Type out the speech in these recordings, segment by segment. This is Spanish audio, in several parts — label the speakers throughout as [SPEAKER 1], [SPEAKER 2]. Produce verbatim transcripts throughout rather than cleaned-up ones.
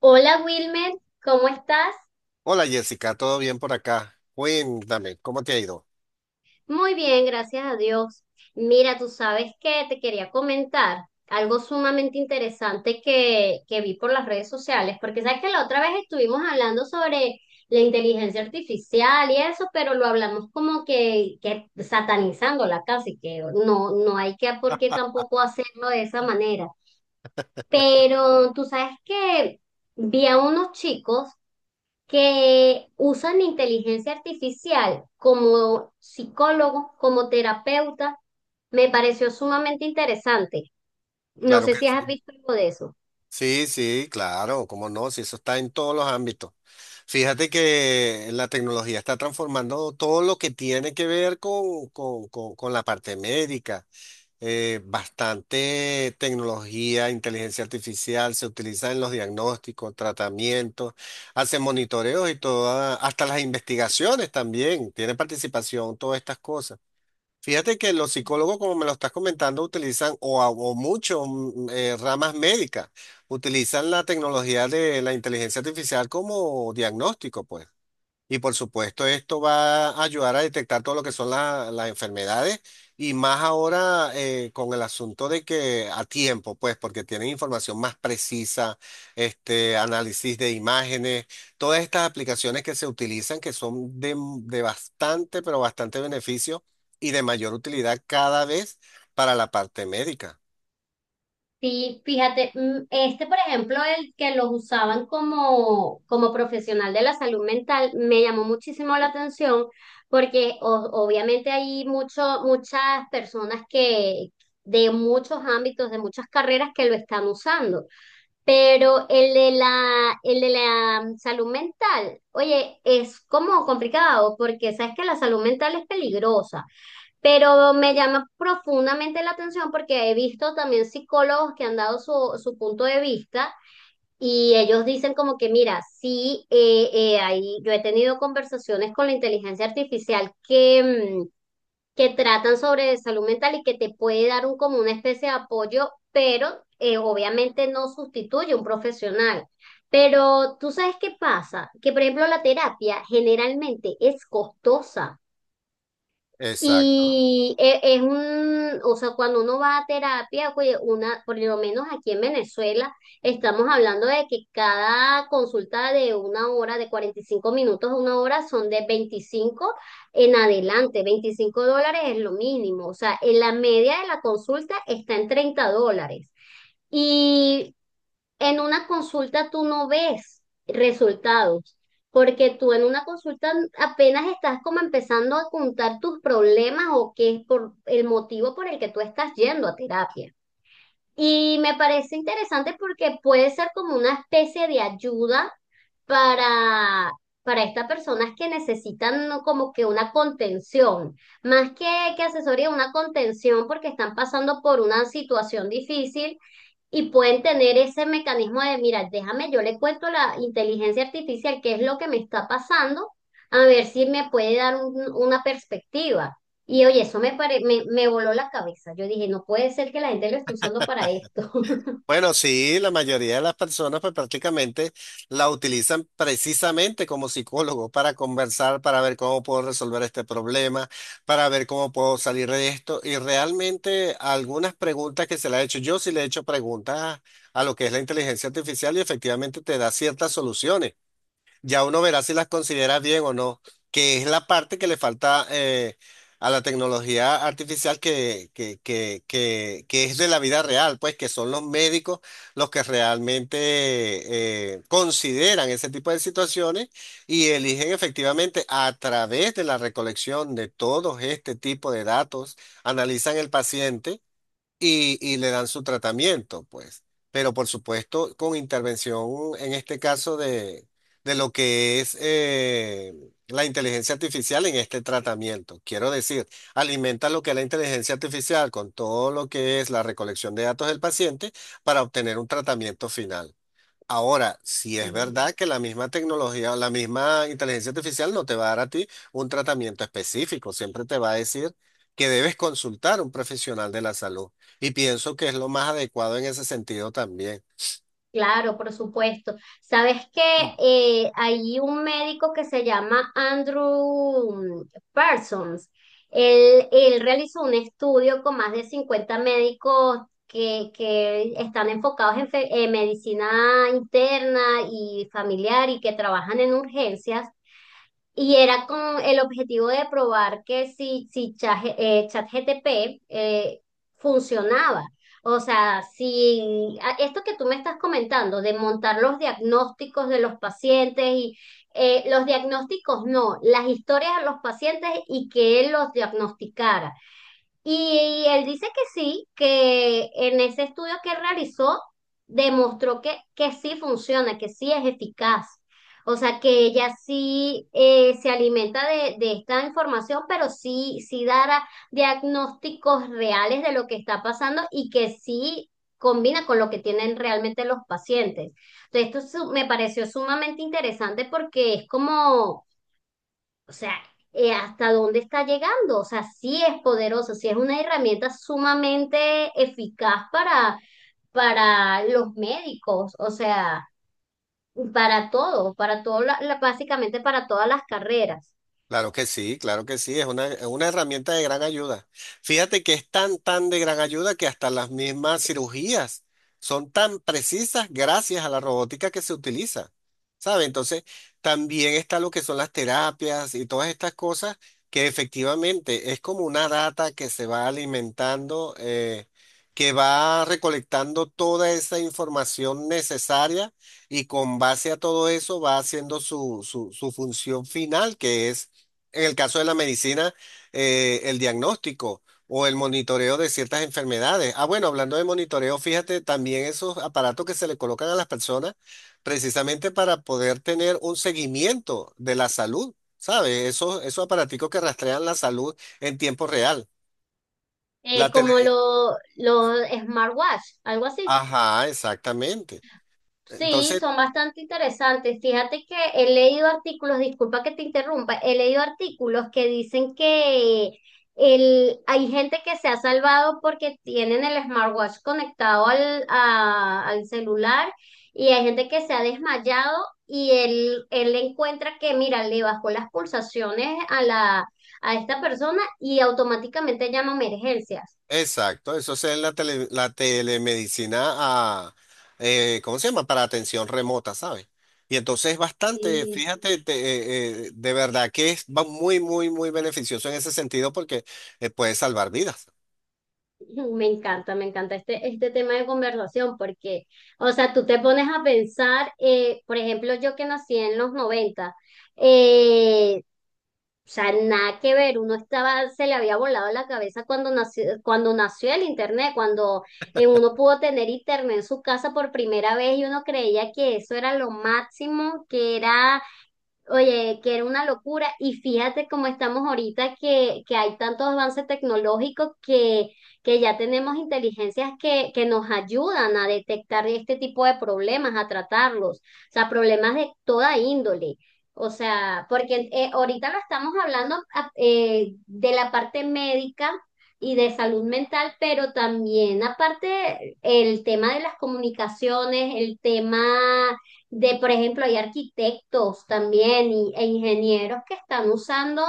[SPEAKER 1] Hola Wilmer, ¿cómo estás?
[SPEAKER 2] Hola Jessica, ¿todo bien por acá? Cuéntame, ¿cómo te ha ido?
[SPEAKER 1] Muy bien, gracias a Dios. Mira, tú sabes que te quería comentar algo sumamente interesante que, que vi por las redes sociales, porque sabes que la otra vez estuvimos hablando sobre la inteligencia artificial y eso, pero lo hablamos como que, que satanizándola casi, que no, no hay que por qué tampoco hacerlo de esa manera. Pero tú sabes que vi a unos chicos que usan inteligencia artificial como psicólogo, como terapeuta. Me pareció sumamente interesante. No
[SPEAKER 2] Claro
[SPEAKER 1] sé
[SPEAKER 2] que
[SPEAKER 1] si
[SPEAKER 2] sí.
[SPEAKER 1] has visto algo de eso.
[SPEAKER 2] Sí, sí, claro, cómo no, si eso está en todos los ámbitos. Fíjate que la tecnología está transformando todo lo que tiene que ver con, con- con- con la parte médica. Eh, bastante tecnología, inteligencia artificial se utiliza en los diagnósticos, tratamientos, hace monitoreos y toda, hasta las investigaciones también, tiene participación todas estas cosas. Fíjate que los psicólogos, como me lo estás comentando, utilizan, o, a- o muchos mm, eh, ramas médicas, utilizan la tecnología de la inteligencia artificial como diagnóstico, pues. Y por supuesto, esto va a ayudar a detectar todo lo que son la- las enfermedades y más ahora eh, con el asunto de que a tiempo, pues, porque tienen información más precisa, este, análisis de imágenes, todas estas aplicaciones que se utilizan que son de, de bastante, pero bastante beneficio y de mayor utilidad cada vez para la parte médica.
[SPEAKER 1] Sí, fíjate, mm, este, por ejemplo, el que los usaban como, como profesional de la salud mental, me llamó muchísimo la atención porque o- obviamente hay mucho, muchas personas que de muchos ámbitos, de muchas carreras que lo están usando. Pero el de la, el de la mm, salud mental, oye, es como complicado porque sabes que la salud mental es peligrosa, pero me llama profundamente la atención porque he visto también psicólogos que han dado su, su punto de vista y ellos dicen como que mira, sí, eh, eh, ahí yo he tenido conversaciones con la inteligencia artificial que, mm, que tratan sobre salud mental y que te puede dar un, como una especie de apoyo, pero eh, obviamente no sustituye un profesional. Pero tú sabes qué pasa, que por ejemplo la terapia generalmente es costosa.
[SPEAKER 2] Exacto.
[SPEAKER 1] Y e- es un, o sea, cuando uno va a terapia, oye, una, por lo menos aquí en Venezuela, estamos hablando de que cada consulta de una hora, de cuarenta y cinco minutos a una hora, son de veinticinco en adelante. Veinticinco dólares es lo mínimo. O sea, en la media, de la consulta está en treinta dólares. Y en una consulta tú no ves resultados, porque tú en una consulta apenas estás como empezando a contar tus problemas o qué es por el motivo por el que tú estás yendo a terapia. Y me parece interesante porque puede ser como una especie de ayuda para, para estas personas que necesitan, ¿no?, como que una contención, más que, que asesoría, una contención porque están pasando por una situación difícil y pueden tener ese mecanismo de mira, déjame, yo le cuento a la inteligencia artificial qué es lo que me está pasando, a ver si me puede dar un- una perspectiva. Y oye, eso me, pare- me, me voló la cabeza. Yo dije, no puede ser que la gente lo esté usando para esto.
[SPEAKER 2] Bueno, sí, la mayoría de las personas pues prácticamente la utilizan precisamente como psicólogo para conversar, para ver cómo puedo resolver este problema, para ver cómo puedo salir de esto. Y realmente algunas preguntas que se le ha hecho, yo sí le he hecho preguntas a lo que es la inteligencia artificial y efectivamente te da ciertas soluciones ya uno verá si las considera bien o no, que es la parte que le falta eh, a la tecnología artificial que, que, que, que, que es de la vida real, pues que son los médicos los que realmente eh, consideran ese tipo de situaciones y eligen efectivamente a través de la recolección de todos este tipo de datos, analizan el paciente y, y le dan su tratamiento, pues. Pero por supuesto, con intervención, en este caso, de, de lo que es eh, la inteligencia artificial en este tratamiento. Quiero decir, alimenta lo que es la inteligencia artificial con todo lo que es la recolección de datos del paciente para obtener un tratamiento final. Ahora, si es
[SPEAKER 1] Sí.
[SPEAKER 2] verdad que la misma tecnología, la misma inteligencia artificial no te va a dar a ti un tratamiento específico, siempre te va a decir que debes consultar a un profesional de la salud. Y pienso que es lo más adecuado en ese sentido también.
[SPEAKER 1] Claro, por supuesto. Sabes que eh, hay un médico que se llama Andrew Parsons. Él, él realizó un estudio con más de cincuenta médicos que, que están enfocados en, fe- en medicina interna y familiar y que trabajan en urgencias. Y era con el objetivo de probar que si, si Cha- eh, ChatGTP eh, funcionaba. O sea, si a- esto que tú me estás comentando, de montar los diagnósticos de los pacientes y eh, los diagnósticos no, las historias de los pacientes, y que él los diagnosticara. Y él dice que sí, que en ese estudio que realizó demostró que, que sí funciona, que sí es eficaz. O sea, que ella sí eh, se alimenta de, de esta información, pero sí, sí dará diagnósticos reales de lo que está pasando y que sí combina con lo que tienen realmente los pacientes. Entonces, esto su- me pareció sumamente interesante porque es como, o sea, eh, ¿hasta dónde está llegando? O sea, sí es poderosa, sí es una herramienta sumamente eficaz para, para los médicos, o sea, para todo, para todo, la- la- básicamente para todas las carreras.
[SPEAKER 2] Claro que sí, claro que sí, es una, es una herramienta de gran ayuda. Fíjate que es tan, tan de gran ayuda que hasta las mismas cirugías son tan precisas gracias a la robótica que se utiliza, ¿sabe? Entonces, también está lo que son las terapias y todas estas cosas que efectivamente es como una data que se va alimentando, eh, que va recolectando toda esa información necesaria y con base a todo eso va haciendo su, su su función final, que es en el caso de la medicina, eh, el diagnóstico o el monitoreo de ciertas enfermedades. Ah, bueno, hablando de monitoreo, fíjate también esos aparatos que se le colocan a las personas precisamente para poder tener un seguimiento de la salud, ¿sabes? Esos, esos aparaticos que rastrean la salud en tiempo real.
[SPEAKER 1] Eh,
[SPEAKER 2] La tele...
[SPEAKER 1] como lo, los smartwatch, algo así.
[SPEAKER 2] Ajá, exactamente.
[SPEAKER 1] Sí,
[SPEAKER 2] Entonces,
[SPEAKER 1] son bastante interesantes. Fíjate que he leído artículos, disculpa que te interrumpa, he leído artículos que dicen que el, hay gente que se ha salvado porque tienen el smartwatch conectado al, a- al celular, y hay gente que se ha desmayado y él, él encuentra que, mira, le bajó las pulsaciones a la, a esta persona, y automáticamente llama a emergencias.
[SPEAKER 2] exacto, eso es en la, tele- la telemedicina, a, eh, ¿cómo se llama? Para atención remota, ¿sabes? Y entonces es bastante, fíjate, te- eh, eh, de verdad que es va muy, muy, muy beneficioso en ese sentido porque eh, puede salvar vidas.
[SPEAKER 1] Me encanta, me encanta este, este tema de conversación porque, o sea, tú te pones a pensar, eh, por ejemplo, yo que nací en los noventa, eh, o sea, nada que ver. Uno estaba, se le había volado la cabeza cuando nació, cuando nació el internet, cuando eh, uno pudo tener internet en su casa por primera vez, y uno creía que eso era lo máximo, que era, oye, que era una locura. Y fíjate cómo estamos ahorita, que, que hay tantos avances tecnológicos que, que ya tenemos inteligencias que, que nos ayudan a detectar este tipo de problemas, a tratarlos. O sea, problemas de toda índole. O sea, porque eh, ahorita lo estamos hablando, a- eh, de la parte médica y de salud mental, pero también aparte el tema de las comunicaciones, el tema de, por ejemplo, hay arquitectos también y- e ingenieros que están usando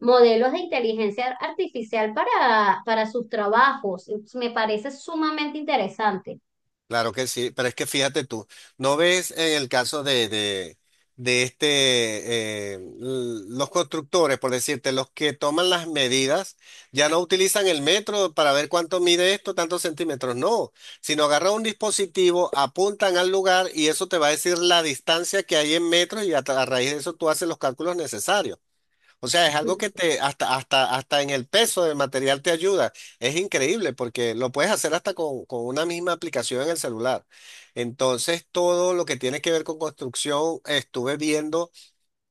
[SPEAKER 1] modelos de inteligencia artificial para, para sus trabajos. Me parece sumamente interesante.
[SPEAKER 2] Claro que sí, pero es que fíjate tú, ¿no ves en el caso de, de, de este, eh, l- los constructores, por decirte, los que toman las medidas, ya no utilizan el metro para ver cuánto mide esto, tantos centímetros, no, sino agarran un dispositivo, apuntan al lugar y eso te va a decir la distancia que hay en metros y a, tra- a raíz de eso tú haces los cálculos necesarios. O sea, es algo que te, hasta, hasta, hasta en el peso del material te ayuda. Es increíble porque lo puedes hacer hasta con, con una misma aplicación en el celular. Entonces, todo lo que tiene que ver con construcción, estuve viendo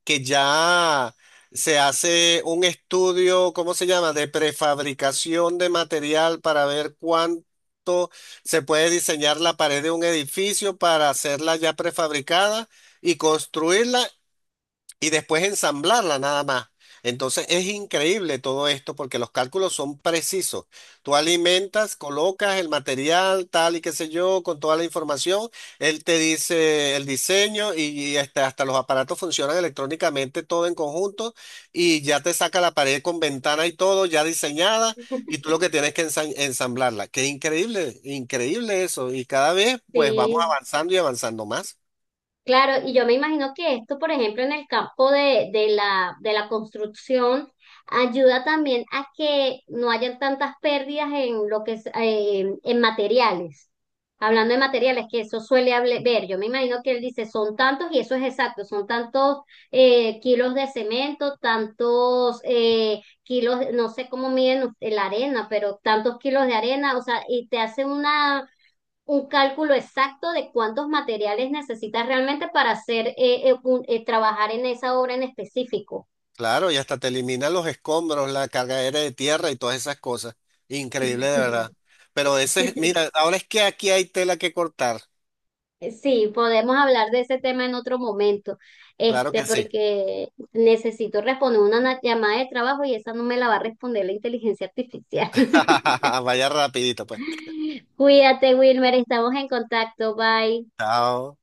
[SPEAKER 2] que ya se hace un estudio, ¿cómo se llama?, de prefabricación de material para ver cuánto se puede diseñar la pared de un edificio para hacerla ya prefabricada y construirla y después ensamblarla nada más. Entonces es increíble todo esto porque los cálculos son precisos. Tú alimentas, colocas el material, tal y qué sé yo, con toda la información. Él te dice el diseño y hasta, hasta los aparatos funcionan electrónicamente todo en conjunto y ya te saca la pared con ventana y todo ya diseñada y tú lo que tienes que ensa- ensamblarla. Qué increíble, increíble eso. Y cada vez pues vamos
[SPEAKER 1] Sí.
[SPEAKER 2] avanzando y avanzando más.
[SPEAKER 1] Claro, y yo me imagino que esto, por ejemplo, en el campo de, de la, de la construcción, ayuda también a que no hayan tantas pérdidas en lo que es, eh, en materiales. Hablando de materiales, que eso suele hable- ver, yo me imagino que él dice, son tantos, y eso es exacto, son tantos eh, kilos de cemento, tantos eh, kilos, no sé cómo miden la arena, pero tantos kilos de arena. O sea, y te hace una un cálculo exacto de cuántos materiales necesitas realmente para hacer eh, eh, un- eh, trabajar en esa obra en específico.
[SPEAKER 2] Claro, y hasta te elimina los escombros, la carga aérea de tierra y todas esas cosas. Increíble, de verdad. Pero ese, es- mira, ahora es que aquí hay tela que cortar.
[SPEAKER 1] Sí, podemos hablar de ese tema en otro momento,
[SPEAKER 2] Claro
[SPEAKER 1] este,
[SPEAKER 2] que sí.
[SPEAKER 1] porque necesito responder una na- llamada de trabajo y esa no me la va a responder la inteligencia artificial.
[SPEAKER 2] Vaya rapidito, pues.
[SPEAKER 1] Cuídate, Wilmer, estamos en contacto, bye.
[SPEAKER 2] Chao.